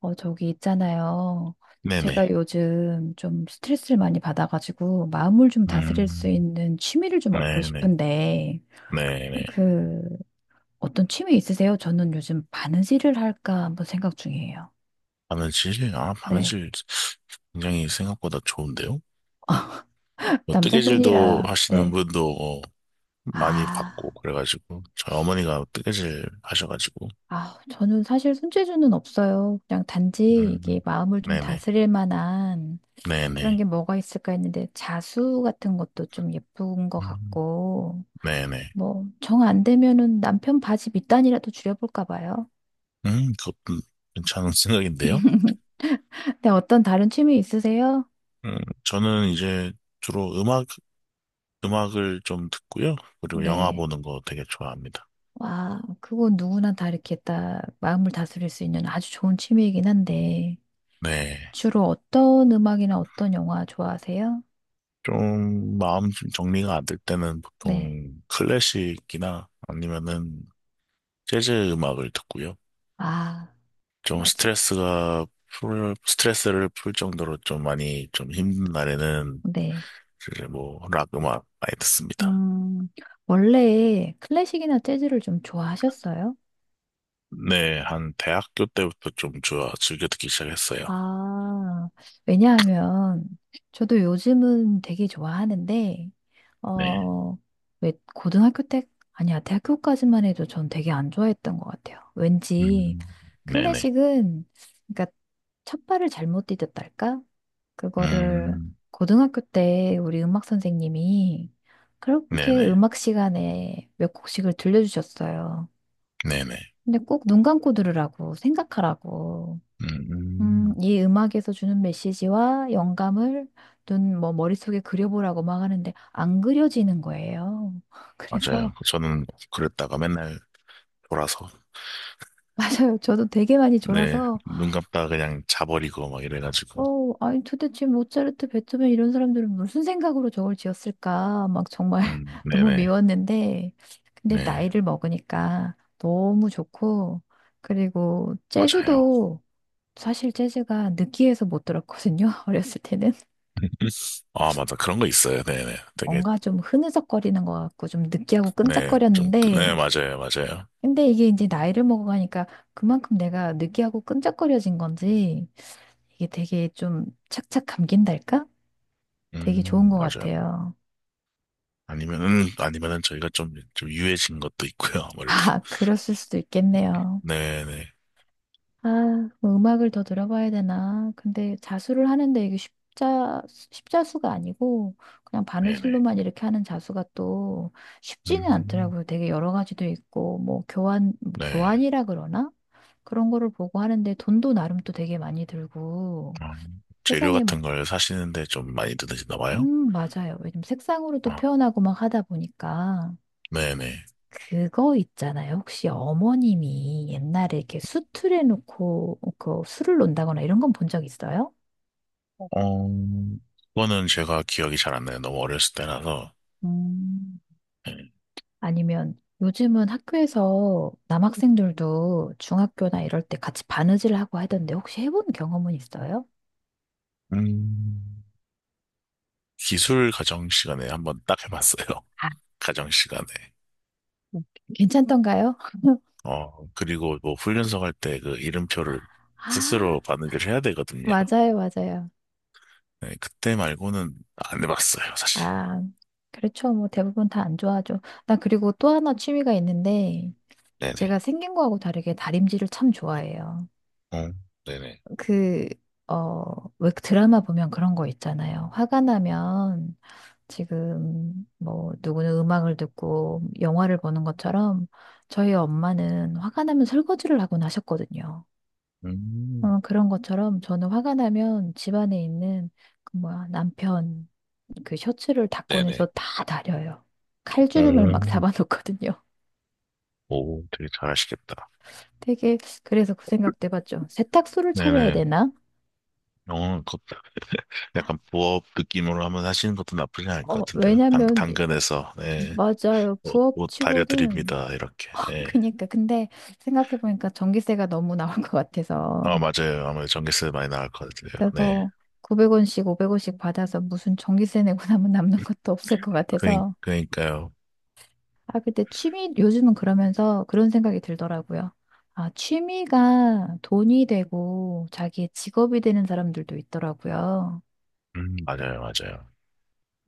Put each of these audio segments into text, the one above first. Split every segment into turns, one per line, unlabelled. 저기 있잖아요. 제가
네네.
요즘 좀 스트레스를 많이 받아가지고 마음을 좀 다스릴 수
음,
있는 취미를 좀 얻고
네네.
싶은데
네네.
그 어떤 취미 있으세요? 저는 요즘 바느질을 할까 한번 생각 중이에요.
바느질? 아,
네.
바느질 굉장히 생각보다 좋은데요? 뭐 뜨개질도
남자분이라
하시는
네.
분도 많이 봤고,
아,
그래가지고, 저희 어머니가 뜨개질 하셔가지고,
저는 사실 손재주는 없어요. 그냥 단지 이게
음,
마음을 좀
네네.
다스릴 만한 그런 게
네네.
뭐가 있을까 했는데 자수 같은 것도 좀 예쁜 것
음,
같고
네네.
뭐, 정 안 되면은 남편 바지 밑단이라도 줄여볼까 봐요.
그것도 괜찮은 생각인데요?
네, 어떤 다른 취미 있으세요?
음, 저는 이제 주로 음악을 좀 듣고요. 그리고 영화
네.
보는 거 되게 좋아합니다.
와, 그건 누구나 다 이렇게 딱 마음을 다스릴 수 있는 아주 좋은 취미이긴 한데,
네.
주로 어떤 음악이나 어떤 영화 좋아하세요?
좀 마음 정리가 안 될 때는
네.
보통 클래식이나 아니면은 재즈 음악을 듣고요.
아,
좀
맞아요.
스트레스가 스트레스를 풀 정도로 좀 많이 좀 힘든 날에는
네.
이제 뭐 락 음악 많이 듣습니다.
음, 원래 클래식이나 재즈를 좀 좋아하셨어요?
네, 한 대학교 때부터 좀 좋아 즐겨 듣기 시작했어요.
아, 왜냐하면 저도 요즘은 되게 좋아하는데,
네.
어, 왜 고등학교 때, 아니야, 대학교까지만 해도 전 되게 안 좋아했던 것 같아요. 왠지
음, 네네.
클래식은, 그러니까 첫 발을 잘못 디뎠달까? 그거를
음,
고등학교 때 우리 음악 선생님이 그렇게
네네.
음악 시간에 몇 곡씩을 들려주셨어요.
네네.
근데 꼭 눈 감고 들으라고, 생각하라고.
음,
이 음악에서 주는 메시지와 영감을 눈, 뭐, 머릿속에 그려보라고 막 하는데 안 그려지는 거예요.
맞아요.
그래서,
저는 그랬다가 맨날 돌아서
맞아요. 저도 되게 많이
네,
졸아서,
눈 감다 그냥 자버리고 막 이래가지고.
아니 도대체 모차르트, 베토벤 이런 사람들은 무슨 생각으로 저걸 지었을까? 막 정말 너무
네네,
미웠는데, 근데
네,
나이를 먹으니까 너무 좋고, 그리고
맞아요.
재즈도 사실 재즈가 느끼해서 못 들었거든요. 어렸을 때는.
아, 맞아. 그런 거 있어요. 네네. 되게,
뭔가 좀 흐느적거리는 것 같고 좀 느끼하고
네, 좀, 네,
끈적거렸는데
맞아요, 맞아요.
근데 이게 이제 나이를 먹어가니까 그만큼 내가 느끼하고 끈적거려진 건지 이게 되게 좀 착착 감긴달까? 되게 좋은 것
맞아요.
같아요.
아니면은 저희가 좀 유해진 것도 있고요, 아무래도.
아, 그랬을 수도 있겠네요.
네네,
아, 뭐 음악을 더 들어봐야 되나? 근데 자수를 하는데 이게 십자수가 아니고 그냥
네네.
바느질로만 이렇게 하는 자수가 또 쉽지는
음,
않더라고요. 되게 여러 가지도 있고, 뭐
네.
교환이라 그러나? 그런 거를 보고 하는데 돈도 나름 또 되게 많이 들고
어, 재료
세상에,
같은 걸 사시는데 좀 많이 드시나 봐요?
맞아요. 요즘 색상으로 또
어,
표현하고 막 하다 보니까
네네.
그거 있잖아요. 혹시 어머님이 옛날에 이렇게 수틀에 놓고 그 술을 논다거나 이런 건 본 적 있어요?
어, 그거는 제가 기억이 잘 안 나요. 너무 어렸을 때라서.
음,
네.
아니면 요즘은 학교에서 남학생들도 중학교나 이럴 때 같이 바느질 하고 하던데 혹시 해본 경험은 있어요?
음. 기술 가정 시간에 한번 딱 해봤어요.
아,
가정 시간에.
괜찮던가요?
그리고 뭐 훈련소 갈 때 그 이름표를
아,
스스로 바느질 해야 되거든요.
맞아요, 맞아요.
네, 그때 말고는 안 해봤어요, 사실.
아, 그렇죠. 뭐 대부분 다 안 좋아하죠. 나 그리고 또 하나 취미가 있는데
네네.
제가 생긴 거하고 다르게 다림질을 참 좋아해요.
어, 네네.
그, 어, 왜 드라마 보면 그런 거 있잖아요. 화가 나면 지금 뭐 누구는 음악을 듣고 영화를 보는 것처럼 저희 엄마는 화가 나면 설거지를 하곤 하셨거든요.
음,
그런 것처럼 저는 화가 나면 집안에 있는 그 뭐야, 남편 그 셔츠를 다 꺼내서
네네.
다 다려요. 칼주름을 막
음,
잡아놓거든요.
오, 되게 잘하시겠다.
되게 그래서 그 생각도 해봤죠. 세탁소를 차려야
네네.
되나?
어, 그, 약간 부업 느낌으로 한번 하시는 것도 나쁘지 않을 것 같은데요.
왜냐면
당근에서, 네,
맞아요. 부업
옷
치고는
다려드립니다. 이렇게. 네.
그니까 근데 생각해 보니까 전기세가 너무 나올 것
아,
같아서
맞아요. 아무래도 전기세 많이 나갈 것 같아요. 네.
그거 900원씩 500원씩 받아서 무슨 전기세 내고 나면 남는 것도 없을 것 같아서
그니까요.
아 근데 취미 요즘은 그러면서 그런 생각이 들더라고요. 아 취미가 돈이 되고 자기의 직업이 되는 사람들도 있더라고요.
맞아요, 맞아요.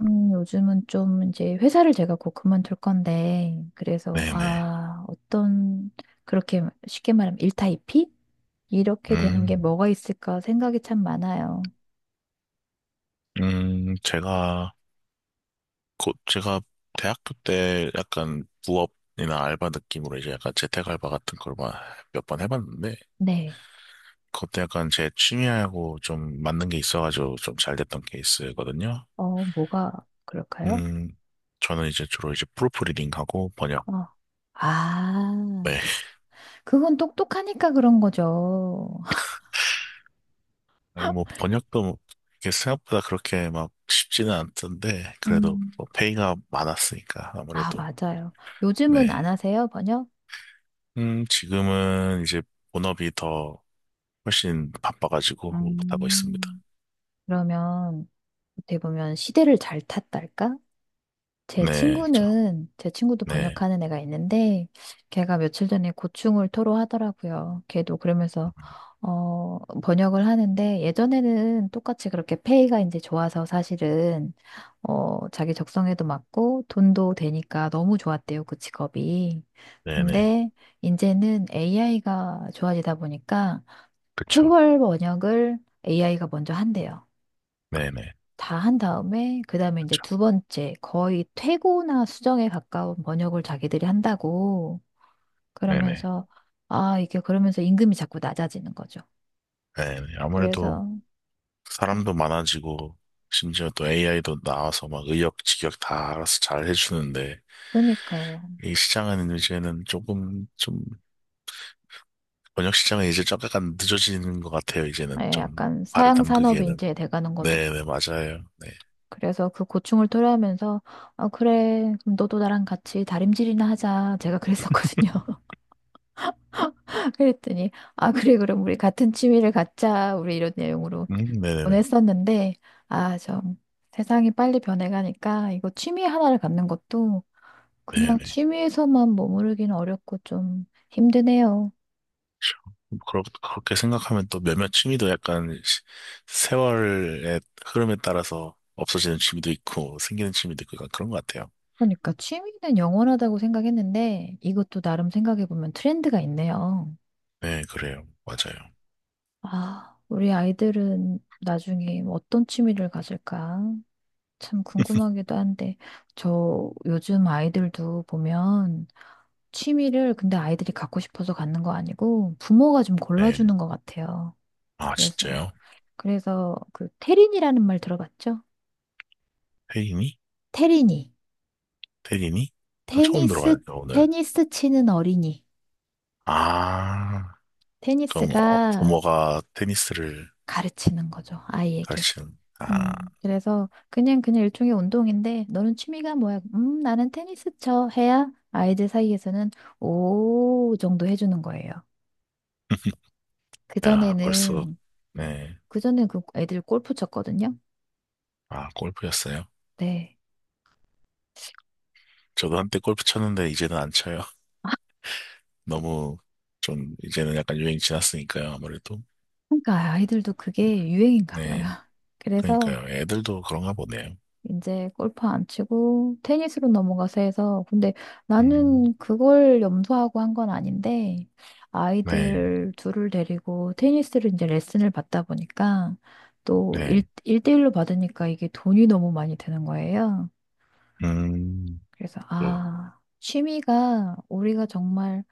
요즘은 좀 이제 회사를 제가 곧 그만둘 건데, 그래서,
네네.
아, 어떤, 그렇게 쉽게 말하면 일타이피? 이렇게 되는 게
음,
뭐가 있을까 생각이 참 많아요.
음, 제가, 제가 대학교 때 약간 부업이나 알바 느낌으로 이제 약간 재택 알바 같은 걸 몇 번 해봤는데,
네.
그때 약간 제 취미하고 좀 맞는 게 있어가지고 좀 잘 됐던 케이스거든요.
어, 뭐가 그럴까요?
음, 저는 이제 주로 이제 프로프리딩하고 번역.
어, 아,
네.
그건 똑똑하니까 그런 거죠.
아니, 뭐, 번역도 뭐 이게 생각보다 그렇게 막 쉽지는 않던데, 그래도
음,
뭐 페이가 많았으니까,
아,
아무래도.
맞아요. 요즘은 안
네.
하세요, 번역?
지금은 이제 본업이 더 훨씬 바빠가지고 못하고 있습니다.
음, 그러면 어떻게 보면 시대를 잘 탔달까?
네,
제 친구도
네,
번역하는 애가 있는데, 걔가 며칠 전에 고충을 토로하더라고요. 걔도
음,
그러면서, 어, 번역을 하는데, 예전에는 똑같이 그렇게 페이가 이제 좋아서 사실은, 자기 적성에도 맞고, 돈도 되니까 너무 좋았대요, 그 직업이.
네네,
근데, 이제는 AI가 좋아지다 보니까,
그쵸,
초벌 번역을 AI가 먼저 한대요.
네네,
다 한 다음에 그다음에 이제
그쵸,
두 번째 거의 퇴고나 수정에 가까운 번역을 자기들이 한다고
네네,
그러면서 아 이게 그러면서 임금이 자꾸 낮아지는 거죠.
네네. 아무래도
그래서
사람도 많아지고, 심지어 또 AI도 나와서 막 의역직역 다 알아서 잘 해주는데,
그러니까요.
이 시장은 이제는 조금, 좀, 번역 시장은 이제 좀 약간 늦어지는 것 같아요, 이제는
예,
좀.
약간
발을
사양 산업이
담그기에는.
이제 돼가는 거죠.
네네, 맞아요. 네.
그래서 그 고충을 토로하면서 아 그래 그럼 너도 나랑 같이 다림질이나 하자 제가 그랬었거든요. 그랬더니 아 그래 그럼 우리 같은 취미를 갖자 우리 이런 내용으로
네네네,
보냈었는데, 아, 좀 세상이 빨리 변해가니까 이거 취미 하나를 갖는 것도 그냥
네네.
취미에서만 머무르기는 어렵고 좀 힘드네요.
그렇게 생각하면 또 몇몇 취미도 약간 세월의 흐름에 따라서 없어지는 취미도 있고 생기는 취미도 있고 약간 그런 것 같아요.
그러니까 취미는 영원하다고 생각했는데 이것도 나름 생각해보면 트렌드가 있네요.
네, 그래요. 맞아요.
아, 우리 아이들은 나중에 어떤 취미를 가질까? 참 궁금하기도 한데, 저 요즘 아이들도 보면 취미를 근데 아이들이 갖고 싶어서 갖는 거 아니고 부모가 좀
네.
골라주는 것 같아요.
아,
그래서
진짜요?
그래서 그 테린이라는 말 들어봤죠?
태린이?
테린이
태린이? 아, 처음
테니스
들어봐요, 오늘.
테니스 치는 어린이
아, 그럼
테니스가
부모가 테니스를
가르치는 거죠 아이에게.
가르치는, 아.
그래서 그냥 일종의 운동인데 너는 취미가 뭐야? 나는 테니스 쳐 해야 아이들 사이에서는 오 정도 해주는 거예요. 그
야, 벌써,
전에는
네.
그 전에 그 애들 골프 쳤거든요.
아, 골프였어요?
네.
저도 한때 골프 쳤는데 이제는 안 쳐요. 너무 좀 이제는 약간 유행 지났으니까요, 아무래도.
그러니까 아이들도 그게 유행인가 봐요.
네.
그래서
그러니까요. 애들도 그런가 보네요.
이제 골프 안 치고 테니스로 넘어가서 해서 근데
음,
나는 그걸 염두하고 한 건 아닌데
네,
아이들 둘을 데리고 테니스를 이제 레슨을 받다 보니까 또
네.
일대일로 받으니까 이게 돈이 너무 많이 드는 거예요.
음,
그래서
그,
아, 취미가 우리가 정말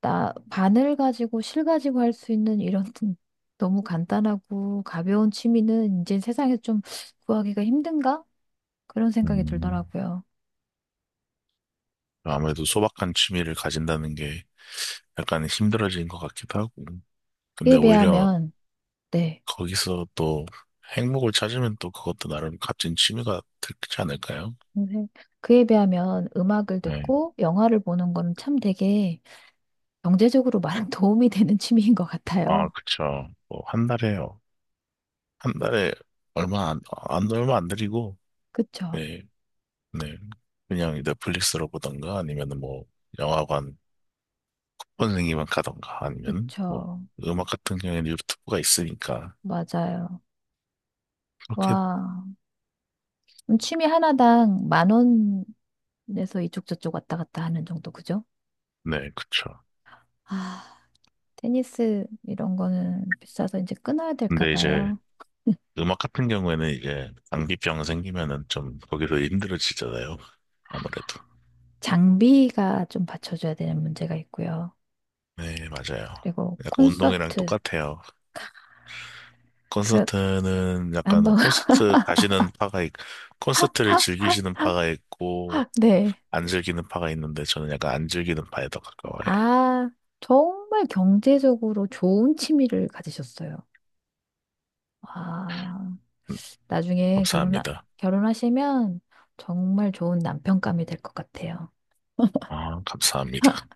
나 바늘 가지고 실 가지고 할 수 있는 이런 너무 간단하고 가벼운 취미는 이제 세상에 좀 구하기가 힘든가? 그런 생각이
음,
들더라고요.
아무래도 소박한 취미를 가진다는 게 약간 힘들어진 것 같기도 하고.
그에
근데 오히려
비하면, 네.
거기서 또 행복을 찾으면 또 그것도 나름 값진 취미가 되지 않을까요?
선생- 그에 비하면 음악을
네.
듣고 영화를 보는 건 참 되게 경제적으로 많은 도움이 되는 취미인 것
아,
같아요.
그쵸. 한 달에 얼마 안 드리고.
그쵸.
네. 네. 그냥 넷플릭스로 보던가 아니면 뭐 영화관 선생님만 가던가 아니면 뭐
그쵸.
음악 같은 경우에는 유튜브가 있으니까
맞아요.
그렇게.
와. 그럼 취미 하나당 만 원에서 이쪽 저쪽 왔다 갔다 하는 정도, 그죠?
네. 그쵸.
아, 테니스 이런 거는 비싸서 이제 끊어야 될까
근데 이제
봐요.
음악 같은 경우에는 이제 장기병 생기면은 좀 거기서 힘들어지잖아요, 아무래도.
장비가 좀 받쳐줘야 되는 문제가 있고요.
네, 맞아요.
그리고
약간 운동이랑
콘서트.
똑같아요.
그래,
콘서트는 약간 뭐
한번,
콘서트를 즐기시는 파가 있고
네.
안 즐기는 파가 있는데 저는 약간 안 즐기는 파에 더 가까워요.
아, 정말 경제적으로 좋은 취미를 가지셨어요. 아 나중에 결혼,
감사합니다.
결혼하시면 정말 좋은 남편감이 될 것 같아요.
아, 감사합니다.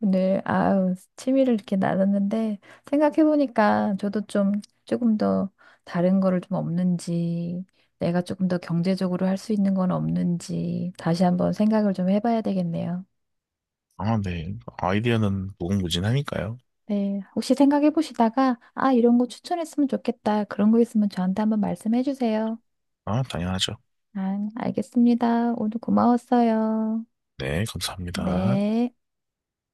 오늘, 아유, 취미를 이렇게 나눴는데, 생각해보니까 저도 좀, 조금 더 다른 거를 좀 없는지, 내가 조금 더 경제적으로 할 수 있는 건 없는지, 다시 한번 생각을 좀 해봐야 되겠네요.
아, 네. 아이디어는 무궁무진하니까요.
네, 혹시 생각해 보시다가, 아, 이런 거 추천했으면 좋겠다. 그런 거 있으면 저한테 한번 말씀해 주세요.
아, 당연하죠.
아, 알겠습니다. 오늘 고마웠어요.
네, 감사합니다.
네.